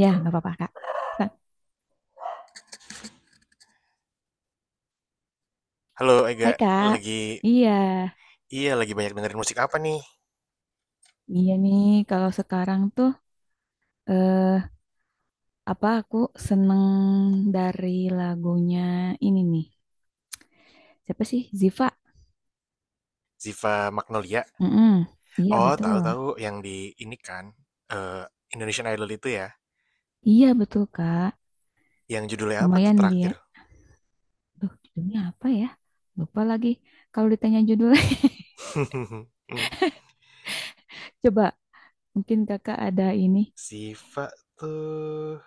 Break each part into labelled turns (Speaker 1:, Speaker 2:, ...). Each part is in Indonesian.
Speaker 1: Ya, nggak apa-apa, Kak. Sa-
Speaker 2: Halo, Ega,
Speaker 1: Hai, Kak.
Speaker 2: lagi,
Speaker 1: Iya,
Speaker 2: iya, lagi banyak dengerin musik apa, nih?
Speaker 1: iya nih. Kalau sekarang tuh, eh, apa aku seneng dari lagunya ini nih. Siapa sih? Ziva.
Speaker 2: Ziva Magnolia.
Speaker 1: Mm-mm. Iya,
Speaker 2: Oh,
Speaker 1: betul.
Speaker 2: tahu-tahu yang di ini kan, eh, Indonesian Idol itu, ya.
Speaker 1: Iya, betul, Kak.
Speaker 2: Yang judulnya apa tuh
Speaker 1: Lumayan dia.
Speaker 2: terakhir?
Speaker 1: Duh, judulnya apa ya? Lupa lagi. Kalau ditanya judulnya, coba mungkin Kakak ada ini
Speaker 2: Ziva tuh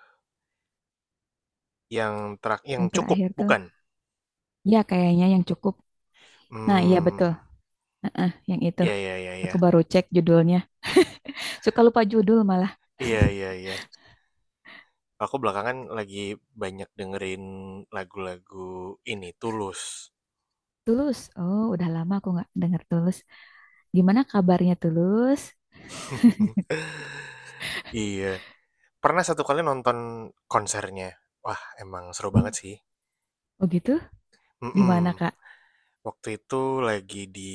Speaker 2: yang terakhir yang
Speaker 1: yang
Speaker 2: cukup,
Speaker 1: terakhir tuh.
Speaker 2: bukan?
Speaker 1: Ya, kayaknya yang cukup. Nah, iya, betul.
Speaker 2: Hmm,
Speaker 1: Heeh, yang itu.
Speaker 2: iya, iya, iya, iya.
Speaker 1: Aku baru cek judulnya. Suka lupa judul malah.
Speaker 2: Iya, iya, iya. Aku belakangan lagi banyak dengerin lagu-lagu ini Tulus.
Speaker 1: Tulus. Oh, udah lama aku nggak dengar Tulus. Gimana kabarnya Tulus?
Speaker 2: Iya. Pernah satu kali nonton konsernya. Wah, emang seru banget
Speaker 1: Oh,
Speaker 2: sih.
Speaker 1: Oh gitu? Di
Speaker 2: Mhm.
Speaker 1: mana, Kak?
Speaker 2: Waktu itu lagi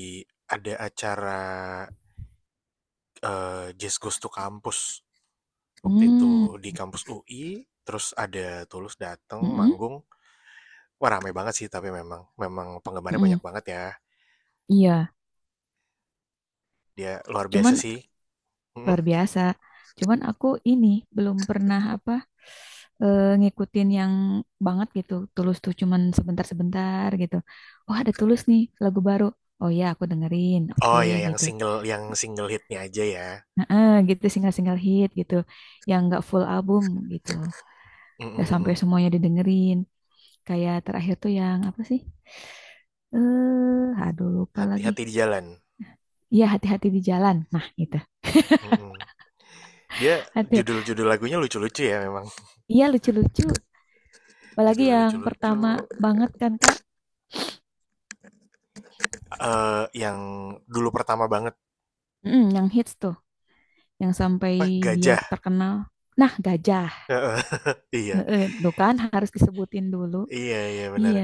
Speaker 2: ada acara, Jazz Goes to Campus, waktu itu
Speaker 1: Hmm.
Speaker 2: di kampus UI, terus ada Tulus dateng
Speaker 1: Mm-mm.
Speaker 2: manggung. Wah, rame banget sih, tapi memang penggemarnya banyak
Speaker 1: Mm-mm.
Speaker 2: banget ya.
Speaker 1: Iya,
Speaker 2: Dia luar biasa
Speaker 1: cuman
Speaker 2: sih. Mhm?
Speaker 1: luar biasa. Cuman aku ini belum pernah apa ngikutin yang banget gitu. Tulus tuh cuman sebentar-sebentar gitu. Oh, ada Tulus nih, lagu baru. Oh ya, aku dengerin. Oke,
Speaker 2: Oh, ya, yang
Speaker 1: gitu.
Speaker 2: single yang single hitnya aja ya.
Speaker 1: Nah, gitu single-single hit gitu. Yang nggak full album gitu.
Speaker 2: Mhm,
Speaker 1: Gak sampai
Speaker 2: mhm.
Speaker 1: semuanya didengerin. Kayak terakhir tuh yang apa sih? Eh, aduh lupa lagi.
Speaker 2: Hati-hati di jalan.
Speaker 1: Iya, hati-hati di jalan. Nah, itu.
Speaker 2: Mhm. Dia
Speaker 1: Ada.
Speaker 2: judul-judul lagunya lucu-lucu ya memang.
Speaker 1: Iya, lucu-lucu. Apalagi
Speaker 2: Judulnya
Speaker 1: yang
Speaker 2: lucu-lucu.
Speaker 1: pertama banget kan, Kak?
Speaker 2: Yang dulu pertama banget,
Speaker 1: Mm, yang hits tuh, yang sampai
Speaker 2: apa,
Speaker 1: dia
Speaker 2: Gajah.
Speaker 1: terkenal. Nah, gajah.
Speaker 2: Heeh, iya,
Speaker 1: Heeh, tuh kan harus disebutin dulu.
Speaker 2: iya, iya, benar,
Speaker 1: Iya,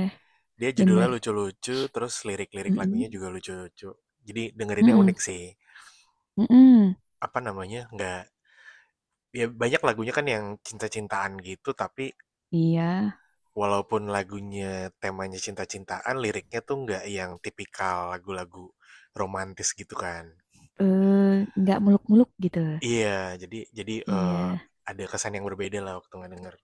Speaker 2: dia judulnya
Speaker 1: bener.
Speaker 2: lucu-lucu, terus lirik-lirik lagunya
Speaker 1: Mm-mm.
Speaker 2: juga lucu-lucu, jadi dengerinnya
Speaker 1: Mm-mm.
Speaker 2: unik sih,
Speaker 1: Mm-mm.
Speaker 2: apa namanya, nggak, ya, banyak lagunya kan yang cinta-cintaan gitu, tapi
Speaker 1: Iya.
Speaker 2: walaupun lagunya temanya cinta-cintaan, liriknya tuh nggak yang tipikal lagu-lagu romantis gitu kan.
Speaker 1: Eh, nggak muluk-muluk gitu.
Speaker 2: Iya, jadi jadi
Speaker 1: Iya.
Speaker 2: eh, ada kesan yang berbeda lah waktu nggak denger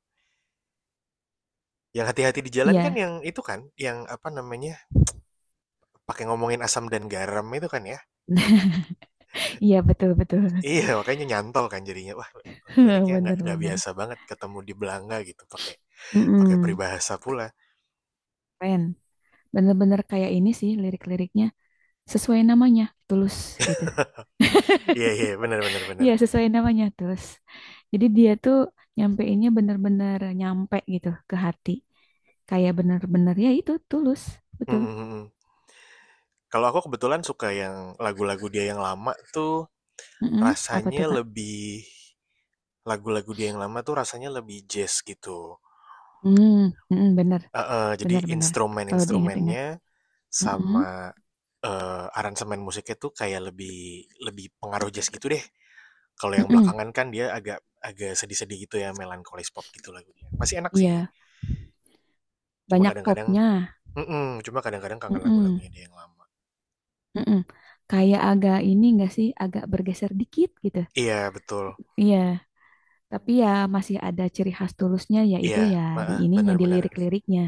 Speaker 2: yang hati-hati di jalan kan,
Speaker 1: Iya.
Speaker 2: yang itu kan, yang apa namanya, pakai ngomongin asam dan garam itu kan, ya?
Speaker 1: Iya, betul-betul.
Speaker 2: Iya, makanya nyantol kan jadinya. Wah, liriknya nggak
Speaker 1: Bener-bener.
Speaker 2: biasa banget ketemu di Belanga gitu, pakai pakai
Speaker 1: Mm-mm.
Speaker 2: peribahasa pula.
Speaker 1: Keren. Bener-bener kayak ini sih lirik-liriknya. Sesuai namanya, Tulus gitu.
Speaker 2: Iya, iya, benar, benar, bener.
Speaker 1: Iya, sesuai namanya, Tulus. Jadi dia tuh nyampeinnya bener-bener nyampe gitu ke hati. Kayak bener-bener ya itu, Tulus.
Speaker 2: Mhm,
Speaker 1: Betul.
Speaker 2: mhm. Kalau aku kebetulan suka yang lagu-lagu dia yang lama tuh
Speaker 1: Mm-mm. Apa
Speaker 2: rasanya
Speaker 1: tuh, Kak?
Speaker 2: lebih lagu-lagu dia yang lama tuh rasanya lebih jazz gitu.
Speaker 1: Hmm, mm-mm, bener,
Speaker 2: Heeh, jadi
Speaker 1: bener-bener. Kalau diingat-ingat.
Speaker 2: instrumen-instrumennya
Speaker 1: Mm-mm,
Speaker 2: sama, aransemen musiknya tuh kayak lebih lebih pengaruh jazz gitu deh. Kalau yang
Speaker 1: mm-mm.
Speaker 2: belakangan kan dia agak agak sedih-sedih gitu ya, melankolis pop gitu lagunya. Masih enak sih,
Speaker 1: Iya,
Speaker 2: cuma
Speaker 1: banyak
Speaker 2: kadang-kadang
Speaker 1: popnya.
Speaker 2: mhm, cuma kadang-kadang kangen
Speaker 1: Mm-mm,
Speaker 2: lagu-lagunya dia yang lama.
Speaker 1: mm-mm. Kayak agak ini enggak sih, agak bergeser dikit gitu.
Speaker 2: Iya betul,
Speaker 1: Iya. Tapi ya masih ada ciri khas Tulusnya yaitu
Speaker 2: iya,
Speaker 1: ya di
Speaker 2: heeh,
Speaker 1: ininya
Speaker 2: bener,
Speaker 1: di
Speaker 2: bener.
Speaker 1: lirik-liriknya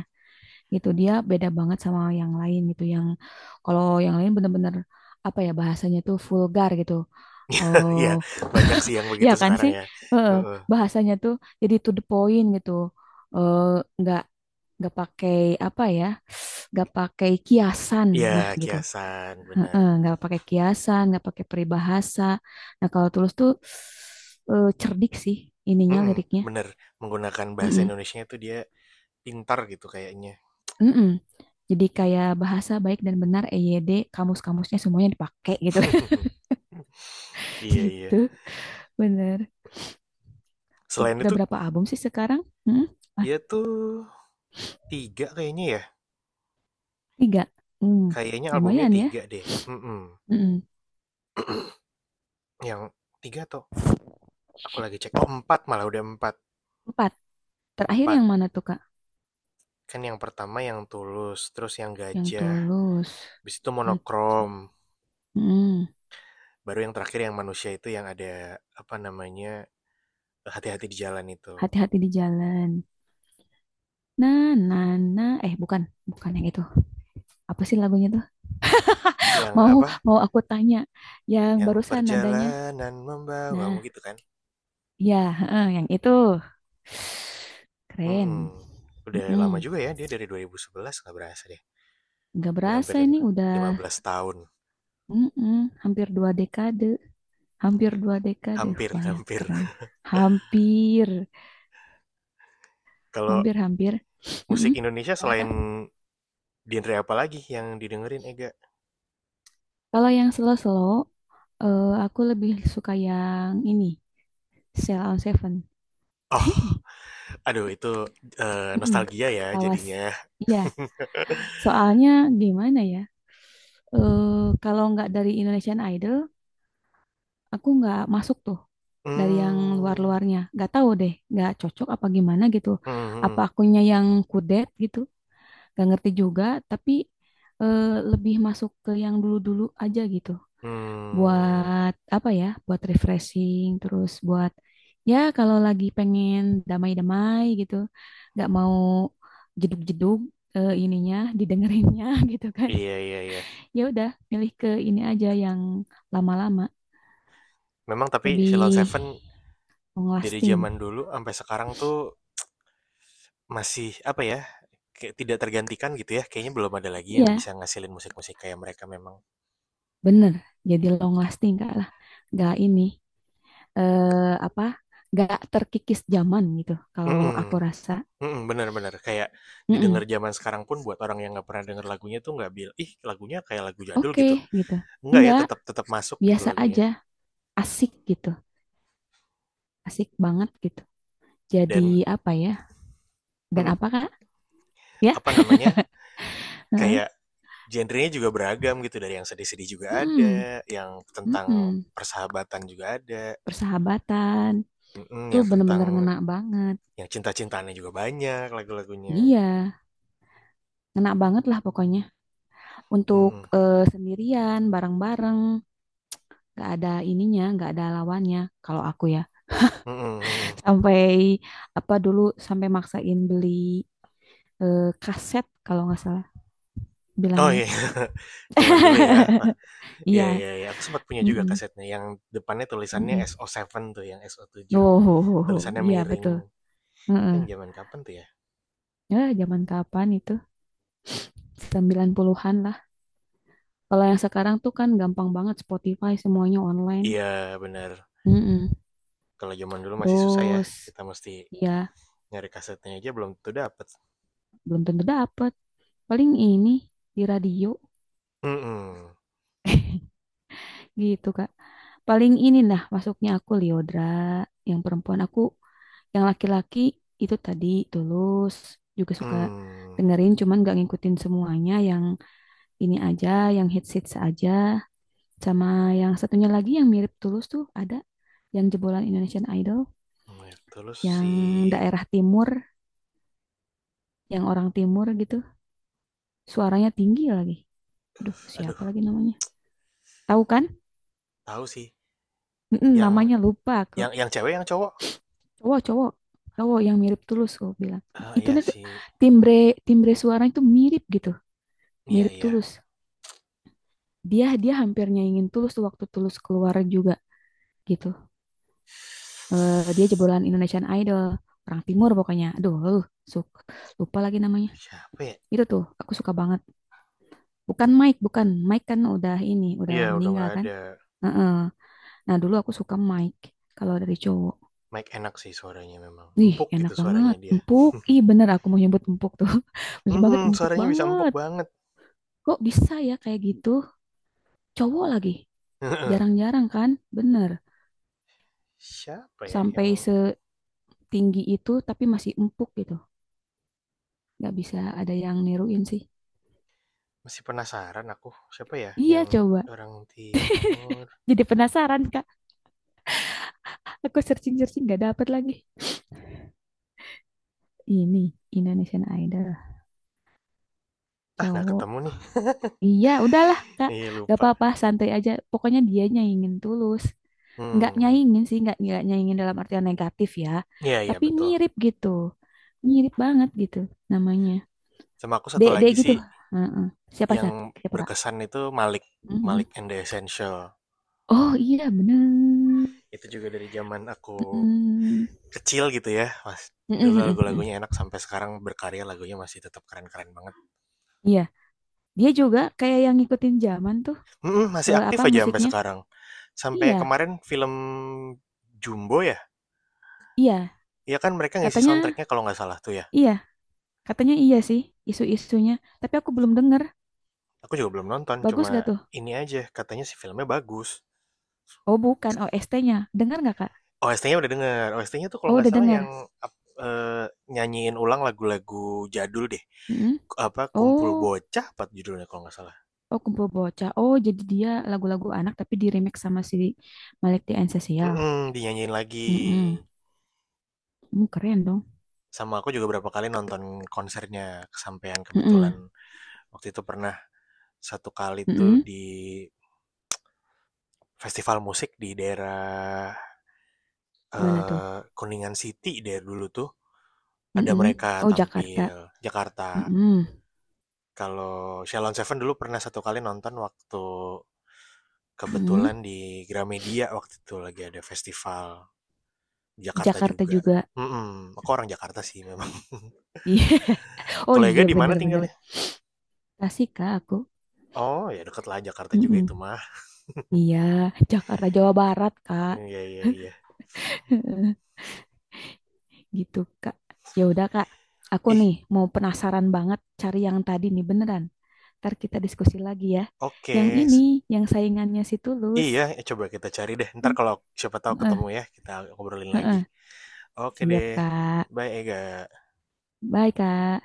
Speaker 1: gitu. Dia beda banget sama yang lain gitu. Yang kalau yang lain bener-bener apa ya bahasanya tuh vulgar gitu. Oh,
Speaker 2: Iya, banyak sih yang
Speaker 1: ya
Speaker 2: begitu
Speaker 1: kan
Speaker 2: sekarang,
Speaker 1: sih?
Speaker 2: ya,
Speaker 1: Heeh,
Speaker 2: heeh.
Speaker 1: bahasanya tuh jadi to the point gitu. Eh nggak pakai apa ya? Nggak pakai kiasan.
Speaker 2: Iya,
Speaker 1: Nah, gitu.
Speaker 2: kiasan, bener.
Speaker 1: Heeh, nggak pakai kiasan, nggak pakai peribahasa. Nah, kalau Tulus tuh cerdik sih ininya
Speaker 2: Mhm,
Speaker 1: liriknya.
Speaker 2: bener, menggunakan bahasa
Speaker 1: Mm-mm.
Speaker 2: Indonesia tuh dia pintar gitu kayaknya.
Speaker 1: Mm-mm. Jadi kayak bahasa baik dan benar EYD, kamus-kamusnya semuanya dipakai gitu.
Speaker 2: Iya, iya.
Speaker 1: Gitu, bener.
Speaker 2: Selain
Speaker 1: Udah
Speaker 2: itu,
Speaker 1: berapa album sih sekarang? Mm-mm. Ah,
Speaker 2: dia tuh 3 kayaknya ya?
Speaker 1: tiga. Hmm,
Speaker 2: Kayaknya albumnya
Speaker 1: lumayan ya.
Speaker 2: 3 deh, mhm.
Speaker 1: Mm-mm.
Speaker 2: Yang 3 atau aku lagi cek, oh empat, malah udah 4
Speaker 1: Empat. Terakhir
Speaker 2: 4
Speaker 1: yang mana tuh, Kak?
Speaker 2: Kan yang pertama yang Tulus, terus yang
Speaker 1: Yang
Speaker 2: Gajah,
Speaker 1: tulus.
Speaker 2: habis itu Monokrom,
Speaker 1: Gajah. Mm-mm.
Speaker 2: baru yang terakhir yang Manusia itu, yang ada, apa namanya, Hati-Hati di Jalan itu.
Speaker 1: Hati-hati di jalan. Na, na, na. Eh, bukan. Bukan yang itu. Apa sih lagunya tuh?
Speaker 2: Yang
Speaker 1: Mau,
Speaker 2: apa,
Speaker 1: mau aku tanya. Yang
Speaker 2: yang
Speaker 1: barusan nadanya.
Speaker 2: perjalanan membawamu
Speaker 1: Nah.
Speaker 2: gitu kan?
Speaker 1: Iya, heeh, yang itu. Keren.
Speaker 2: Mhm. Udah lama
Speaker 1: Mm-mm.
Speaker 2: juga ya dia dari 2011, nggak berasa deh,
Speaker 1: Nggak
Speaker 2: udah
Speaker 1: berasa
Speaker 2: hampir lima
Speaker 1: ini udah
Speaker 2: lima belas tahun,
Speaker 1: mm-mm, hampir dua dekade. Hampir dua dekade.
Speaker 2: hampir,
Speaker 1: Banyak
Speaker 2: hampir.
Speaker 1: keren. Hampir.
Speaker 2: Kalau
Speaker 1: Hampir-hampir.
Speaker 2: Musik
Speaker 1: Mm-mm.
Speaker 2: Indonesia,
Speaker 1: Mana Kak?
Speaker 2: selain genre apa lagi yang didengerin Ega?
Speaker 1: Kalau yang slow-slow, aku lebih suka yang ini. Cell on Seven.
Speaker 2: Oh, aduh, itu,
Speaker 1: Mm-mm.
Speaker 2: nostalgia ya jadinya.
Speaker 1: Lawas. Iya. Soalnya gimana ya? Eh, kalau nggak dari Indonesian Idol, aku nggak masuk tuh dari yang
Speaker 2: Hmm,
Speaker 1: luar-luarnya nggak tahu deh nggak cocok apa gimana gitu
Speaker 2: hmm, hmm,
Speaker 1: apa akunya yang kudet gitu nggak ngerti juga tapi eh, lebih masuk ke yang dulu-dulu aja gitu
Speaker 2: hmm.
Speaker 1: buat apa ya buat refreshing terus buat ya kalau lagi pengen damai-damai gitu nggak mau jeduk-jeduk ininya didengerinnya gitu kan
Speaker 2: Iya, iya, iya.
Speaker 1: ya udah milih ke ini aja yang lama-lama
Speaker 2: Memang tapi Sheila
Speaker 1: lebih
Speaker 2: Seven
Speaker 1: long
Speaker 2: dari
Speaker 1: lasting.
Speaker 2: zaman dulu sampai sekarang tuh masih apa ya? Kayak tidak tergantikan gitu ya. Kayaknya belum ada lagi yang
Speaker 1: Iya,
Speaker 2: bisa ngasilin musik-musik kayak mereka memang.
Speaker 1: bener. Jadi long lasting Kak lah. Gak ini apa? Gak terkikis zaman gitu. Kalau aku
Speaker 2: Mm-mm.
Speaker 1: rasa,
Speaker 2: Mhm, benar, bener, kayak didengar
Speaker 1: "Mm-mm,
Speaker 2: zaman sekarang pun, buat orang yang nggak pernah denger lagunya tuh, nggak bil "Ih, lagunya kayak lagu jadul,"
Speaker 1: oke
Speaker 2: gitu.
Speaker 1: gitu.
Speaker 2: Enggak ya,
Speaker 1: Enggak,
Speaker 2: tetap tetap masuk gitu
Speaker 1: biasa
Speaker 2: lagunya.
Speaker 1: aja, asik gitu, asik banget gitu. Jadi
Speaker 2: Dan
Speaker 1: apa ya? Dan
Speaker 2: mhm,
Speaker 1: apa Kak? Ya,
Speaker 2: apa namanya,
Speaker 1: Heeh.
Speaker 2: kayak genrenya juga beragam gitu, dari yang sedih-sedih juga
Speaker 1: Mm-mm,
Speaker 2: ada, yang tentang
Speaker 1: mm-mm.
Speaker 2: persahabatan juga ada,
Speaker 1: Persahabatan
Speaker 2: mhm,
Speaker 1: tuh
Speaker 2: yang tentang
Speaker 1: bener-bener ngena banget.
Speaker 2: yang cinta-cintaannya juga banyak lagu-lagunya.
Speaker 1: Iya, ngena banget lah pokoknya. Untuk
Speaker 2: Mhm,
Speaker 1: sendirian, bareng-bareng. Nggak ada ininya nggak ada lawannya kalau aku ya
Speaker 2: mhm, mhm.
Speaker 1: sampai apa dulu sampai maksain beli kaset kalau nggak salah
Speaker 2: Oh,
Speaker 1: bilangnya
Speaker 2: iya. Zaman dulu ya. Wah,
Speaker 1: iya
Speaker 2: iya, iya, iya, aku sempat punya juga
Speaker 1: mm-mm,
Speaker 2: kasetnya yang depannya tulisannya
Speaker 1: mm-mm.
Speaker 2: SO7 tuh, yang SO7.
Speaker 1: oh ho, ho, ho.
Speaker 2: Tulisannya
Speaker 1: Iya
Speaker 2: miring.
Speaker 1: betul Heeh.
Speaker 2: Yang zaman kapan tuh ya?
Speaker 1: Ya, zaman kapan itu 90-an lah kalau yang sekarang tuh kan gampang banget Spotify semuanya online
Speaker 2: Iya, benar.
Speaker 1: Mm-mm.
Speaker 2: Kalau zaman dulu masih susah ya,
Speaker 1: terus
Speaker 2: kita mesti
Speaker 1: ya
Speaker 2: nyari kasetnya aja belum tentu dapat.
Speaker 1: belum tentu dapet paling ini di radio
Speaker 2: Hmm,
Speaker 1: gitu Kak. Paling ini lah masuknya aku Liodra, yang perempuan aku, yang laki-laki itu tadi Tulus juga suka
Speaker 2: hmm.
Speaker 1: dengerin, cuman gak ngikutin semuanya. Yang ini aja, yang hits-hits aja, sama yang satunya lagi yang mirip Tulus tuh ada yang jebolan Indonesian Idol,
Speaker 2: Terus
Speaker 1: yang
Speaker 2: si,
Speaker 1: daerah timur, yang orang timur gitu, suaranya tinggi lagi. Aduh,
Speaker 2: aduh,
Speaker 1: siapa lagi namanya? Tahu kan?
Speaker 2: tahu sih,
Speaker 1: Mm-mm,
Speaker 2: yang
Speaker 1: namanya lupa aku.
Speaker 2: yang cewek, yang cowok?
Speaker 1: Cowok cowok cowok yang mirip Tulus gue bilang
Speaker 2: Ah,
Speaker 1: itu
Speaker 2: iya
Speaker 1: nih tuh
Speaker 2: sih,
Speaker 1: timbre timbre suara itu mirip gitu
Speaker 2: iya,
Speaker 1: mirip
Speaker 2: iya.
Speaker 1: Tulus dia dia hampir nyaingin Tulus tuh waktu Tulus keluar juga gitu Eh, dia jebolan Indonesian Idol orang Timur pokoknya aduh suk lupa lagi namanya
Speaker 2: Siapa ya?
Speaker 1: itu tuh aku suka banget bukan Mike kan udah ini udah
Speaker 2: Iya, udah
Speaker 1: meninggal
Speaker 2: nggak
Speaker 1: kan
Speaker 2: ada.
Speaker 1: Heeh. nah dulu aku suka Mike kalau dari cowok
Speaker 2: Mike enak sih suaranya memang,
Speaker 1: Wih,
Speaker 2: empuk
Speaker 1: enak
Speaker 2: gitu suaranya
Speaker 1: banget.
Speaker 2: dia.
Speaker 1: Empuk. Ih, bener aku mau nyebut empuk tuh. Bener
Speaker 2: Hmm,
Speaker 1: banget, empuk
Speaker 2: suaranya bisa empuk
Speaker 1: banget.
Speaker 2: banget.
Speaker 1: Kok bisa ya kayak gitu cowok lagi jarang-jarang kan bener
Speaker 2: Siapa ya
Speaker 1: sampai
Speaker 2: yang...
Speaker 1: setinggi itu tapi masih empuk gitu nggak bisa ada yang niruin sih
Speaker 2: Masih penasaran aku, siapa ya
Speaker 1: iya
Speaker 2: yang
Speaker 1: coba
Speaker 2: orang timur?
Speaker 1: jadi penasaran kak aku searching-searching nggak dapet lagi ini Indonesian Idol
Speaker 2: Ah, nggak
Speaker 1: cowok
Speaker 2: ketemu nih.
Speaker 1: iya udahlah kak
Speaker 2: Iya,
Speaker 1: gak
Speaker 2: lupa.
Speaker 1: apa-apa santai aja pokoknya dia nyaingin tulus nggak
Speaker 2: Hmm,
Speaker 1: nyaingin sih nggak nyaingin dalam artian negatif ya
Speaker 2: iya, iya,
Speaker 1: tapi
Speaker 2: betul.
Speaker 1: mirip gitu mirip banget gitu namanya
Speaker 2: Sama aku
Speaker 1: D
Speaker 2: satu
Speaker 1: D
Speaker 2: lagi sih
Speaker 1: gitu. Heeh. Siapa
Speaker 2: yang
Speaker 1: Cak? Siapa Kak?
Speaker 2: berkesan itu, Malik.
Speaker 1: Mhm.
Speaker 2: Malik and the Essential.
Speaker 1: Oh iya bener.
Speaker 2: Itu juga dari zaman aku
Speaker 1: Mhm.
Speaker 2: kecil gitu ya, Mas.
Speaker 1: Mhm,
Speaker 2: Dulu
Speaker 1: mhm, mhm.
Speaker 2: lagu-lagunya enak, sampai sekarang berkarya lagunya masih tetap keren-keren banget.
Speaker 1: Iya, dia juga kayak yang ngikutin zaman tuh
Speaker 2: Mm-mm, masih aktif
Speaker 1: apa
Speaker 2: aja sampai
Speaker 1: musiknya?
Speaker 2: sekarang. Sampai
Speaker 1: Iya,
Speaker 2: kemarin film Jumbo ya,
Speaker 1: iya.
Speaker 2: iya kan mereka ngisi
Speaker 1: Katanya
Speaker 2: soundtracknya kalau nggak salah tuh ya.
Speaker 1: iya, katanya iya sih isu-isunya. Tapi aku belum denger.
Speaker 2: Aku juga belum nonton,
Speaker 1: Bagus
Speaker 2: cuma
Speaker 1: gak tuh?
Speaker 2: ini aja, katanya si filmnya bagus.
Speaker 1: Oh bukan OST-nya. Dengar nggak Kak?
Speaker 2: OST-nya udah denger, OST-nya tuh kalau
Speaker 1: Oh
Speaker 2: nggak
Speaker 1: udah
Speaker 2: salah
Speaker 1: dengar.
Speaker 2: yang ap- eh, nyanyiin ulang lagu-lagu jadul deh.
Speaker 1: Mhm.
Speaker 2: Apa, Kumpul
Speaker 1: Oh,
Speaker 2: Bocah apa judulnya kalau nggak salah.
Speaker 1: oh kumpul bocah. Oh jadi dia lagu-lagu anak tapi di remake sama si Malik the Ancestral.
Speaker 2: Dinyanyiin lagi.
Speaker 1: Mhm. Hmm, keren dong.
Speaker 2: Sama aku juga berapa kali nonton konsernya, kesampaian kebetulan.
Speaker 1: Mm-mm.
Speaker 2: Waktu itu pernah satu kali tuh
Speaker 1: Mm-mm.
Speaker 2: di festival musik di daerah,
Speaker 1: Mana tuh?
Speaker 2: Kuningan City, dari dulu tuh. Ada
Speaker 1: Mm-mm.
Speaker 2: mereka
Speaker 1: Oh,
Speaker 2: tampil,
Speaker 1: Jakarta.
Speaker 2: Jakarta.
Speaker 1: Mm-mm.
Speaker 2: Kalau Shalon Seven dulu pernah satu kali nonton waktu
Speaker 1: Mm.
Speaker 2: kebetulan di Gramedia, waktu itu lagi ada festival,
Speaker 1: Di
Speaker 2: Jakarta
Speaker 1: Jakarta
Speaker 2: juga.
Speaker 1: juga.
Speaker 2: Mhm, aku orang Jakarta sih memang.
Speaker 1: Iya. Oh
Speaker 2: Kalau Ega
Speaker 1: iya,
Speaker 2: di mana
Speaker 1: bener-bener.
Speaker 2: tinggalnya?
Speaker 1: Tasik, Kak, aku.
Speaker 2: Oh, ya, deket lah Jakarta juga itu
Speaker 1: Mm-mm.
Speaker 2: mah.
Speaker 1: Iya, Jakarta, Jawa Barat, Kak.
Speaker 2: Iya, iya, iya.
Speaker 1: Gitu, Kak. Ya udah, Kak. Aku
Speaker 2: Ih,
Speaker 1: nih mau penasaran banget cari yang tadi nih, beneran. Ntar kita diskusi lagi ya.
Speaker 2: oke.
Speaker 1: Yang ini, yang saingannya si Tulus.
Speaker 2: Iya, coba kita cari deh. Ntar kalau siapa tahu
Speaker 1: Heeh,
Speaker 2: ketemu ya, kita ngobrolin lagi.
Speaker 1: heeh.
Speaker 2: Oke
Speaker 1: Siap,
Speaker 2: deh.
Speaker 1: Kak.
Speaker 2: Bye, Ega.
Speaker 1: Bye, Kak.